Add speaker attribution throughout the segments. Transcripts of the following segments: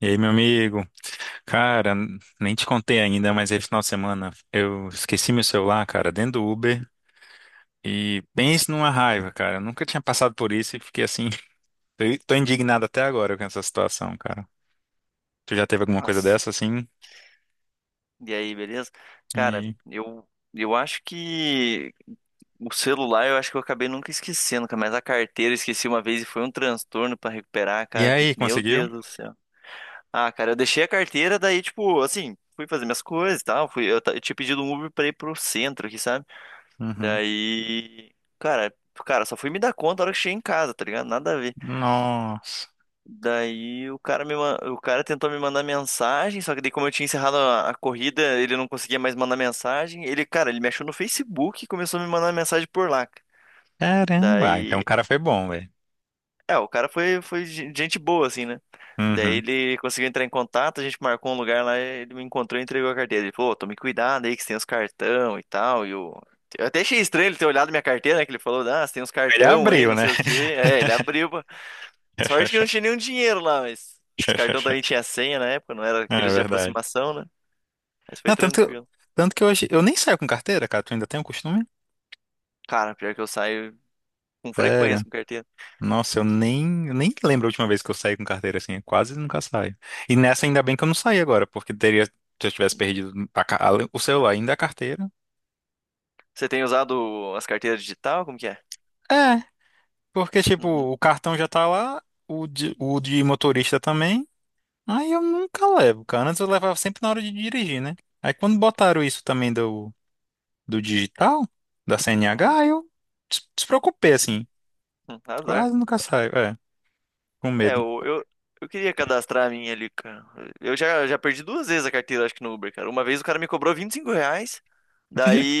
Speaker 1: E aí, meu amigo? Cara, nem te contei ainda, mas esse final de semana eu esqueci meu celular, cara, dentro do Uber. E pense numa raiva, cara. Eu nunca tinha passado por isso e fiquei assim. Tô indignado até agora com essa situação, cara. Tu já teve alguma coisa
Speaker 2: Nossa.
Speaker 1: dessa assim?
Speaker 2: E aí, beleza?
Speaker 1: E
Speaker 2: Cara,
Speaker 1: aí,
Speaker 2: eu acho que o celular eu acho que eu acabei nunca esquecendo, cara, mas a carteira eu esqueci uma vez e foi um transtorno pra recuperar,
Speaker 1: E
Speaker 2: cara, que
Speaker 1: aí,
Speaker 2: meu
Speaker 1: conseguiu?
Speaker 2: Deus do céu. Ah, cara, eu deixei a carteira, daí, tipo, assim, fui fazer minhas coisas e tal, eu tinha pedido um Uber pra ir pro centro aqui, sabe?
Speaker 1: Uhum.
Speaker 2: Daí, cara, cara, só fui me dar conta na hora que cheguei em casa, tá ligado? Nada a ver.
Speaker 1: Nossa.
Speaker 2: Daí o cara tentou me mandar mensagem, só que daí como eu tinha encerrado a corrida, ele não conseguia mais mandar mensagem. Ele, cara, ele me achou no Facebook e começou a me mandar mensagem por lá.
Speaker 1: Caramba, ah, então
Speaker 2: Daí,
Speaker 1: o cara foi bom, velho.
Speaker 2: é, o cara foi gente boa assim, né? Daí
Speaker 1: Uhum.
Speaker 2: ele conseguiu entrar em contato, a gente marcou um lugar lá, ele me encontrou e entregou a carteira. Ele falou, "Ô, tome cuidado aí que você tem os cartão e tal, e o." Eu até achei estranho ele ter olhado minha carteira, né? Que ele falou, ah, você tem uns
Speaker 1: Ele
Speaker 2: cartão aí,
Speaker 1: abriu,
Speaker 2: não
Speaker 1: né?
Speaker 2: sei o quê. É, ele abriu. Sorte que não tinha nenhum dinheiro lá, mas os cartões também tinha senha na época, não era
Speaker 1: É
Speaker 2: aqueles de
Speaker 1: verdade.
Speaker 2: aproximação, né? Mas foi
Speaker 1: Não, tanto,
Speaker 2: tranquilo.
Speaker 1: tanto que hoje eu nem saio com carteira, cara. Tu ainda tem o costume?
Speaker 2: Cara, pior que eu saio com frequência
Speaker 1: Sério?
Speaker 2: com carteira.
Speaker 1: Nossa, eu nem lembro a última vez que eu saí com carteira assim. Eu quase nunca saio. E nessa, ainda bem que eu não saí agora, porque teria, se eu tivesse perdido o celular, ainda a carteira.
Speaker 2: Você tem usado as carteiras digital? Como que é?
Speaker 1: É, porque, tipo,
Speaker 2: Uhum,
Speaker 1: o cartão já tá lá, o de motorista também. Aí eu nunca levo, cara. Antes eu levava sempre na hora de dirigir, né? Aí quando botaram isso também do digital, da CNH,
Speaker 2: uhum,
Speaker 1: aí eu despreocupei, assim.
Speaker 2: uhum, azar.
Speaker 1: Quase nunca saio, é, com
Speaker 2: É,
Speaker 1: medo.
Speaker 2: eu queria cadastrar a minha ali, cara. Eu já, já perdi duas vezes a carteira, acho que no Uber, cara. Uma vez o cara me cobrou R$ 25,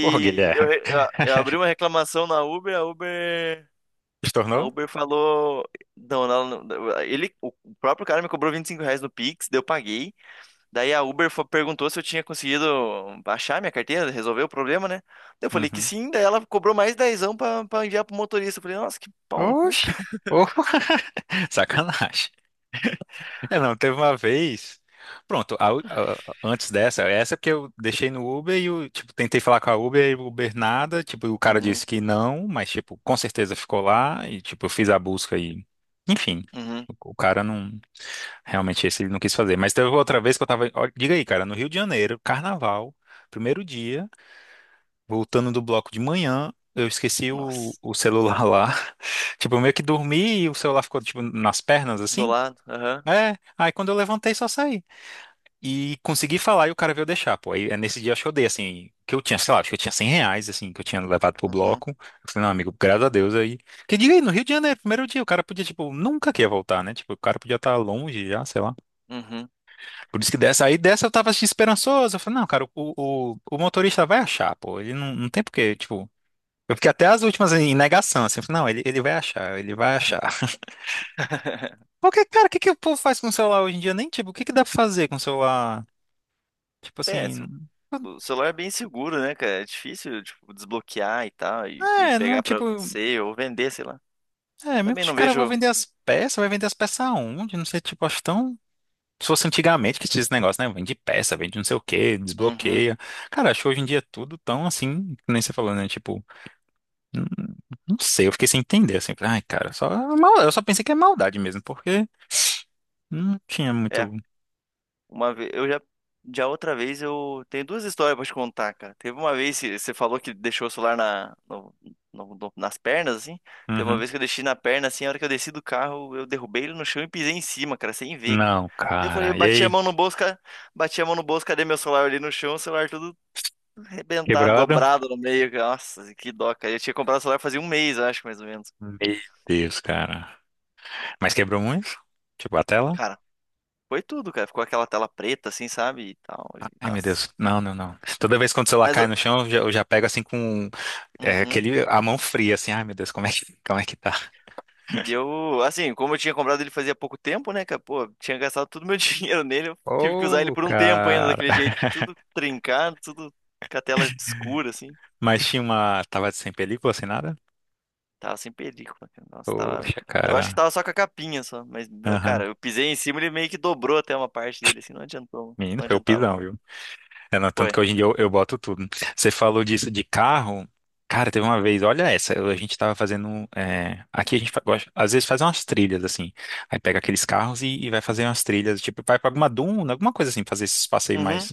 Speaker 1: Porra, Guilherme.
Speaker 2: eu abri uma reclamação na Uber, a Uber.
Speaker 1: Se tornou?
Speaker 2: A Uber falou. Não, não, não, ele, o próprio cara me cobrou R$ 25 no Pix, daí eu paguei. Daí a Uber perguntou se eu tinha conseguido achar minha carteira, resolver o problema, né? Daí eu falei que
Speaker 1: Uhum.
Speaker 2: sim, daí ela cobrou mais dezão pra, pra enviar pro motorista. Eu falei, nossa, que pau no cu,
Speaker 1: Oxi,
Speaker 2: cara.
Speaker 1: Ô, sacanagem. É, não, teve uma vez. Pronto, antes dessa, essa porque eu deixei no Uber e eu, tipo, tentei falar com a Uber e o Uber nada, tipo, e o cara disse
Speaker 2: Uhum,
Speaker 1: que não, mas, tipo, com certeza ficou lá e, tipo, eu fiz a busca e, enfim,
Speaker 2: uhum,
Speaker 1: o cara não, realmente esse ele não quis fazer. Mas teve outra vez que eu tava, ó, diga aí, cara, no Rio de Janeiro, carnaval, primeiro dia. Voltando do bloco de manhã, eu esqueci o,
Speaker 2: nossa.
Speaker 1: o celular lá. Tipo, eu meio que dormi e o celular ficou, tipo, nas pernas,
Speaker 2: Do
Speaker 1: assim.
Speaker 2: lado, aham,
Speaker 1: É, aí quando eu levantei, só saí. E consegui falar e o cara veio deixar, pô. Aí é nesse dia acho que eu dei, assim, que eu tinha, sei lá, acho que eu tinha R$ 100, assim, que eu tinha levado pro
Speaker 2: uhum,
Speaker 1: bloco. Eu falei, não, amigo, graças a Deus aí. Que diga aí, no Rio de Janeiro, primeiro dia, o cara podia, tipo, nunca que ia voltar, né? Tipo, o cara podia estar longe já, sei lá.
Speaker 2: uhum.
Speaker 1: Por isso que dessa, aí dessa eu tava assim, esperançoso. Eu falei, não, cara, o motorista vai achar, pô. Ele não tem porque, tipo. Eu fiquei até as últimas em negação, assim, eu falei, não, ele vai achar, ele vai achar. Porque, cara, o que que o povo faz com o celular hoje em dia? Nem, tipo, o que que dá pra fazer com o celular? Tipo
Speaker 2: É,
Speaker 1: assim,
Speaker 2: o celular é bem seguro, né, cara? É difícil, tipo, desbloquear e tal, e
Speaker 1: é, não,
Speaker 2: pegar pra
Speaker 1: tipo,
Speaker 2: você ou vender, sei lá.
Speaker 1: é, mesmo que
Speaker 2: Também
Speaker 1: os
Speaker 2: não
Speaker 1: cara vão
Speaker 2: vejo.
Speaker 1: vender as peças, vai vender as peças aonde? Não sei, tipo, acho tão. Se fosse antigamente que tinha esse negócio, né? Vende peça, vende não sei o quê,
Speaker 2: Uhum,
Speaker 1: desbloqueia. Cara, acho que hoje em dia é tudo tão assim, que nem você falou, né? Tipo, não, não sei, eu fiquei sem entender, assim, falei, ai, cara, só, eu só pensei que é maldade mesmo, porque não tinha
Speaker 2: é.
Speaker 1: muito.
Speaker 2: Uma vez, eu já, já outra vez eu tenho duas histórias pra te contar, cara. Teve uma vez que você falou que deixou o celular na, no- no- no- nas pernas, assim. Teve uma
Speaker 1: Uhum.
Speaker 2: vez que eu deixei na perna, assim, a hora que eu desci do carro, eu derrubei ele no chão e pisei em cima, cara, sem ver, cara.
Speaker 1: Não,
Speaker 2: Daí eu falei,
Speaker 1: cara. E
Speaker 2: bati a
Speaker 1: aí?
Speaker 2: mão no bolso, cara, bati a mão no bolso, cadê meu celular ali no chão? O celular tudo arrebentado,
Speaker 1: Quebrado?
Speaker 2: dobrado no meio, cara. Nossa, que dó, cara. Eu tinha comprado o celular fazia um mês, eu acho, mais ou menos.
Speaker 1: Meu Deus, cara. Mas quebrou muito? Tipo, a tela?
Speaker 2: Cara, foi tudo, cara. Ficou aquela tela preta, assim, sabe? E tal.
Speaker 1: Ai, meu
Speaker 2: Nossa.
Speaker 1: Deus. Não, não, não. Toda vez quando o celular
Speaker 2: Mas,
Speaker 1: cai
Speaker 2: eu-
Speaker 1: no chão, eu já pego assim com é,
Speaker 2: uhum.
Speaker 1: aquele, a mão fria, assim. Ai, meu Deus, como é que tá?
Speaker 2: E eu, assim, como eu tinha comprado ele fazia pouco tempo, né, cara? Pô, tinha gastado todo o meu dinheiro nele, eu tive que usar ele
Speaker 1: Ô,
Speaker 2: por um tempo ainda
Speaker 1: cara.
Speaker 2: daquele jeito, tudo trincado, tudo com a tela escura, assim.
Speaker 1: Mas tinha uma. Tava sem película, sem nada?
Speaker 2: Tava sem película, cara. Nossa, tava.
Speaker 1: Poxa,
Speaker 2: Eu acho que
Speaker 1: cara.
Speaker 2: tava só com a capinha só, mas,
Speaker 1: Aham.
Speaker 2: cara, eu pisei em cima e ele meio que dobrou até uma parte dele, assim, não adiantou,
Speaker 1: Menino,
Speaker 2: não
Speaker 1: foi o
Speaker 2: adiantava
Speaker 1: pisão,
Speaker 2: muito.
Speaker 1: viu? É, não, tanto
Speaker 2: Foi.
Speaker 1: que hoje em dia eu boto tudo. Você falou disso de carro. Cara, teve uma vez, olha essa, a gente tava fazendo. É, aqui a gente às vezes faz umas trilhas assim. Aí pega aqueles carros e vai fazer umas trilhas, tipo, vai pra alguma duna, alguma coisa assim, fazer esses passeios
Speaker 2: Uhum,
Speaker 1: mais.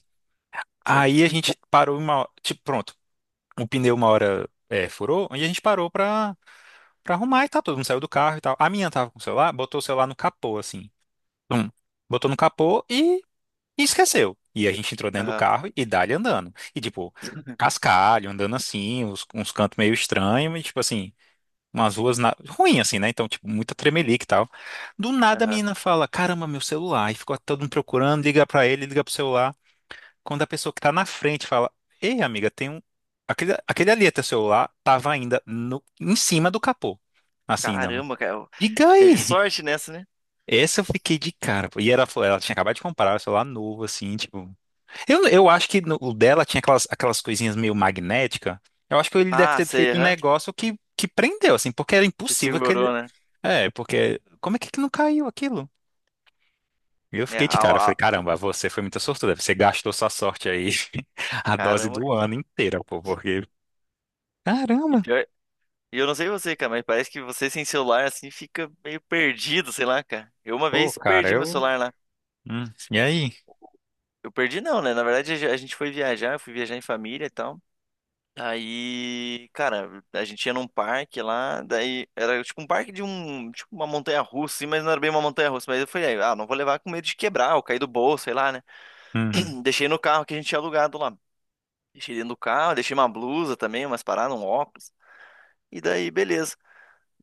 Speaker 2: sei.
Speaker 1: Aí a gente parou uma. Tipo, pronto, o pneu uma hora é, furou, e a gente parou pra arrumar e tal. Todo mundo saiu do carro e tal. A minha tava com o celular, botou o celular no capô, assim. Tum. Botou no capô e esqueceu. E a gente entrou dentro do
Speaker 2: Aham,
Speaker 1: carro e dali andando. E tipo, cascalho, andando assim, uns cantos meio estranhos, e tipo assim, umas ruas ruim assim, né? Então, tipo, muita tremelique e tal. Do nada a
Speaker 2: aham.
Speaker 1: menina fala: Caramba, meu celular. E ficou todo mundo procurando, liga pra ele, liga pro celular. Quando a pessoa que tá na frente fala: Ei, amiga, tem um. Aquele ali é teu celular, tava ainda no... em cima do capô. Assim, não.
Speaker 2: Caramba, cara,
Speaker 1: Diga aí!
Speaker 2: teve sorte nessa, né?
Speaker 1: Essa eu fiquei de cara, pô. E ela tinha acabado de comprar o celular novo, assim, tipo. Eu acho que o dela tinha aquelas coisinhas meio magnética. Eu acho que ele deve
Speaker 2: Ah,
Speaker 1: ter
Speaker 2: sei,
Speaker 1: feito um
Speaker 2: aham.
Speaker 1: negócio que prendeu, assim, porque era
Speaker 2: Que
Speaker 1: impossível que ele.
Speaker 2: segurou, né?
Speaker 1: É, porque. Como é que não caiu aquilo? E eu
Speaker 2: É,
Speaker 1: fiquei de cara, falei, caramba, você foi muito sortuda, você gastou sua sorte aí, a dose
Speaker 2: caramba.
Speaker 1: do ano inteira, pô, porque.
Speaker 2: E
Speaker 1: Caramba!
Speaker 2: pior, e eu não sei você, cara, mas parece que você sem celular assim fica meio perdido, sei lá, cara. Eu uma
Speaker 1: Pô,
Speaker 2: vez
Speaker 1: cara,
Speaker 2: perdi meu
Speaker 1: eu.
Speaker 2: celular lá.
Speaker 1: Hum, e aí?
Speaker 2: Eu perdi não, né? Na verdade a gente foi viajar, eu fui viajar em família e tal. Aí, cara, a gente ia num parque lá, daí era tipo um parque de um, tipo uma montanha russa, assim, mas não era bem uma montanha russa, mas eu falei, ah, não vou levar com medo de quebrar, ou cair do bolso, sei lá, né?
Speaker 1: Uhum.
Speaker 2: Deixei no carro que a gente tinha alugado lá. Deixei dentro do carro, deixei uma blusa também, umas paradas, um óculos. E daí, beleza.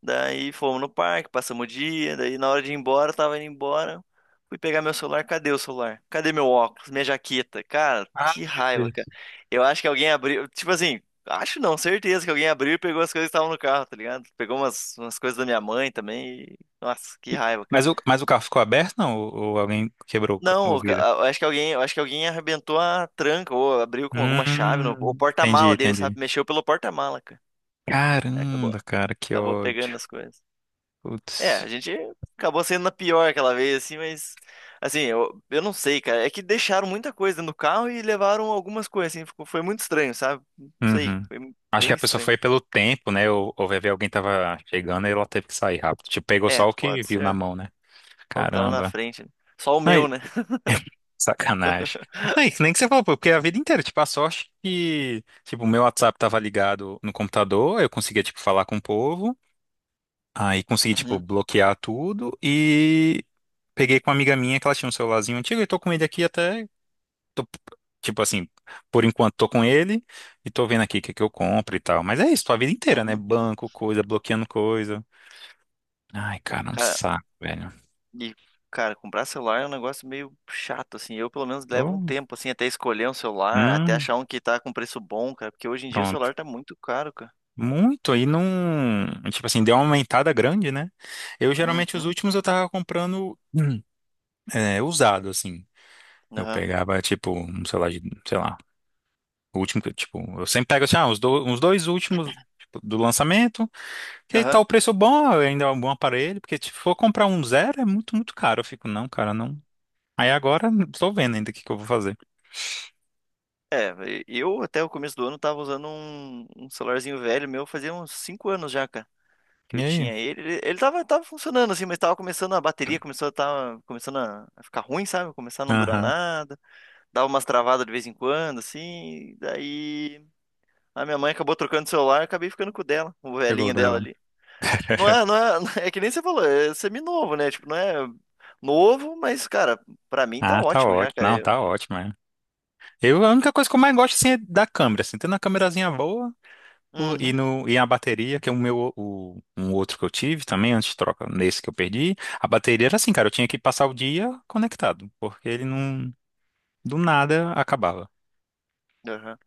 Speaker 2: Daí fomos no parque, passamos o dia. Daí na hora de ir embora, eu tava indo embora. Fui pegar meu celular. Cadê o celular? Cadê meu óculos? Minha jaqueta? Cara,
Speaker 1: Ai,
Speaker 2: que
Speaker 1: meu
Speaker 2: raiva,
Speaker 1: Deus.
Speaker 2: cara. Eu acho que alguém abriu. Tipo assim, acho não, certeza que alguém abriu e pegou as coisas que estavam no carro, tá ligado? Pegou umas coisas da minha mãe também. Nossa, que
Speaker 1: E-
Speaker 2: raiva, cara.
Speaker 1: mas o carro ficou aberto, não? Ou alguém quebrou o
Speaker 2: Não,
Speaker 1: vidro?
Speaker 2: eu acho que alguém arrebentou a tranca ou abriu com alguma chave no, o
Speaker 1: Entendi,
Speaker 2: porta-mala dele,
Speaker 1: entendi.
Speaker 2: sabe? Mexeu pelo porta-mala, cara. Aí Acabou,
Speaker 1: Caramba, cara, que
Speaker 2: acabou pegando
Speaker 1: ódio.
Speaker 2: as coisas. É,
Speaker 1: Putz.
Speaker 2: a gente acabou sendo na pior aquela vez, assim, mas. Assim, eu não sei, cara. É que deixaram muita coisa no carro e levaram algumas coisas, assim. Ficou, foi muito estranho, sabe? Não sei,
Speaker 1: Uhum.
Speaker 2: foi
Speaker 1: Acho que
Speaker 2: bem
Speaker 1: a pessoa
Speaker 2: estranho.
Speaker 1: foi pelo tempo, né? Ou vai ver alguém tava chegando e ela teve que sair rápido. Tipo, pegou
Speaker 2: É,
Speaker 1: só o que
Speaker 2: pode
Speaker 1: viu na
Speaker 2: ser.
Speaker 1: mão, né?
Speaker 2: Só o que tava na
Speaker 1: Caramba.
Speaker 2: frente, né? Só o
Speaker 1: Ai,
Speaker 2: meu, né?
Speaker 1: sacanagem. Ai, nem que você falou, pô, porque a vida inteira, tipo, a sorte que, tipo, o meu WhatsApp tava ligado no computador, eu conseguia, tipo, falar com o povo, aí consegui, tipo,
Speaker 2: Uhum,
Speaker 1: bloquear tudo e peguei com uma amiga minha que ela tinha um celularzinho antigo e tô com ele aqui até tô, tipo assim, por enquanto tô com ele e tô vendo aqui o que que eu compro e tal. Mas é isso, tua vida inteira, né?
Speaker 2: uhum.
Speaker 1: Banco, coisa, bloqueando coisa. Ai, cara, é um
Speaker 2: Cara,
Speaker 1: saco, velho.
Speaker 2: e, cara, comprar celular é um negócio meio chato, assim. Eu, pelo menos, levo um
Speaker 1: Oh,
Speaker 2: tempo, assim, até escolher um celular, até
Speaker 1: hum,
Speaker 2: achar um que tá com preço bom, cara. Porque hoje em dia o
Speaker 1: pronto.
Speaker 2: celular tá muito caro, cara.
Speaker 1: Muito, aí não. Tipo assim, deu uma aumentada grande, né? Eu geralmente os
Speaker 2: Uhum,
Speaker 1: últimos eu tava comprando é, usado, assim. Eu
Speaker 2: aham.
Speaker 1: pegava, tipo, um celular de, sei lá, o último que, eu, tipo, eu sempre pego assim, ah, uns dois últimos, tipo, do lançamento. Que tá
Speaker 2: Aham.
Speaker 1: o preço bom, ainda é um bom aparelho, porque tipo, se for comprar um zero é muito, muito caro. Eu fico, não, cara, não. Aí agora estou vendo ainda o que que eu vou fazer.
Speaker 2: É, eu até o começo do ano tava usando um, um celularzinho velho meu, fazia uns 5 anos já, cara, que
Speaker 1: E
Speaker 2: eu
Speaker 1: aí?
Speaker 2: tinha ele. Ele tava, tava funcionando assim, mas tava começando a bateria, começou a, tava, começando a ficar ruim, sabe? Começar a não durar
Speaker 1: Aham,
Speaker 2: nada, dava umas travadas de vez em quando, assim. Daí a minha mãe acabou trocando o celular, eu acabei ficando com o dela, o
Speaker 1: pegou o
Speaker 2: velhinho dela
Speaker 1: dela.
Speaker 2: ali. Não é, não é, é que nem você falou, é semi-novo, né? Tipo, não é novo, mas, cara, pra mim tá
Speaker 1: Ah, tá
Speaker 2: ótimo já,
Speaker 1: ótimo.
Speaker 2: cara.
Speaker 1: Não,
Speaker 2: Eu,
Speaker 1: tá ótimo, é. Eu, a única coisa que eu mais gosto, assim, é da câmera, assim, tendo uma câmerazinha boa o- e,
Speaker 2: uhum,
Speaker 1: no, e a bateria, que é o meu, um outro que eu tive também, antes de troca, nesse que eu perdi, a bateria era assim, cara, eu tinha que passar o dia conectado, porque ele não, do nada, acabava.
Speaker 2: aham.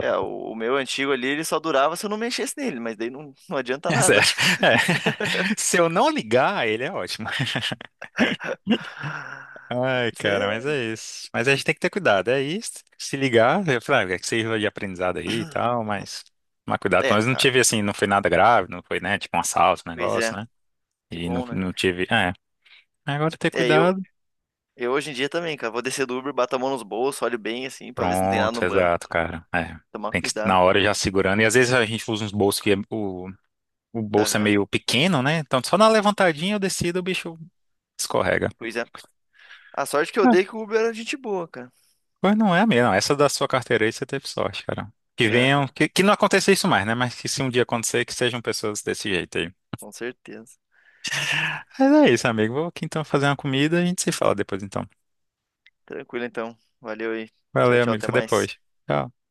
Speaker 2: É, o meu antigo ali, ele só durava se eu não mexesse nele, mas daí não, não adianta
Speaker 1: É
Speaker 2: nada,
Speaker 1: sério.
Speaker 2: né?
Speaker 1: É. Se eu não ligar, ele é ótimo. Ai, cara, mas
Speaker 2: Você-
Speaker 1: é isso. Mas a gente tem que ter cuidado, é isso. Se ligar, eu falei, ah, é que sirva de aprendizado aí e tal, mas tomar cuidado.
Speaker 2: É,
Speaker 1: Mas
Speaker 2: é,
Speaker 1: não
Speaker 2: ah,
Speaker 1: tive assim, não foi nada grave, não foi, né? Tipo um assalto, um
Speaker 2: pois
Speaker 1: negócio,
Speaker 2: é,
Speaker 1: né?
Speaker 2: que
Speaker 1: E não,
Speaker 2: bom, né?
Speaker 1: não tive. É. Agora ter
Speaker 2: É,
Speaker 1: cuidado.
Speaker 2: eu hoje em dia também, cara, vou descer do Uber, bato a mão nos bolsos, olho bem assim, pra ver se não tem nada
Speaker 1: Pronto,
Speaker 2: no banco.
Speaker 1: exato, cara. É.
Speaker 2: Tomar
Speaker 1: Tem que na
Speaker 2: cuidado,
Speaker 1: hora
Speaker 2: cara.
Speaker 1: já segurando. E às vezes a gente usa uns bolsos que o bolso é
Speaker 2: Aham,
Speaker 1: meio pequeno, né? Então só na levantadinha eu decido, o bicho escorrega.
Speaker 2: pois é. A sorte que eu dei que o Uber era gente boa, cara.
Speaker 1: Pois não é a minha, não. Essa da sua carteira aí você teve sorte, cara. Que venham,
Speaker 2: Aham,
Speaker 1: que não aconteça isso mais, né? Mas que se um dia acontecer, que sejam pessoas desse jeito aí.
Speaker 2: com certeza.
Speaker 1: Mas é isso, amigo. Vou aqui então fazer uma comida e a gente se fala depois então.
Speaker 2: Tranquilo então, valeu aí. Tchau,
Speaker 1: Valeu,
Speaker 2: tchau,
Speaker 1: amigo.
Speaker 2: até
Speaker 1: Até
Speaker 2: mais.
Speaker 1: depois. Tchau.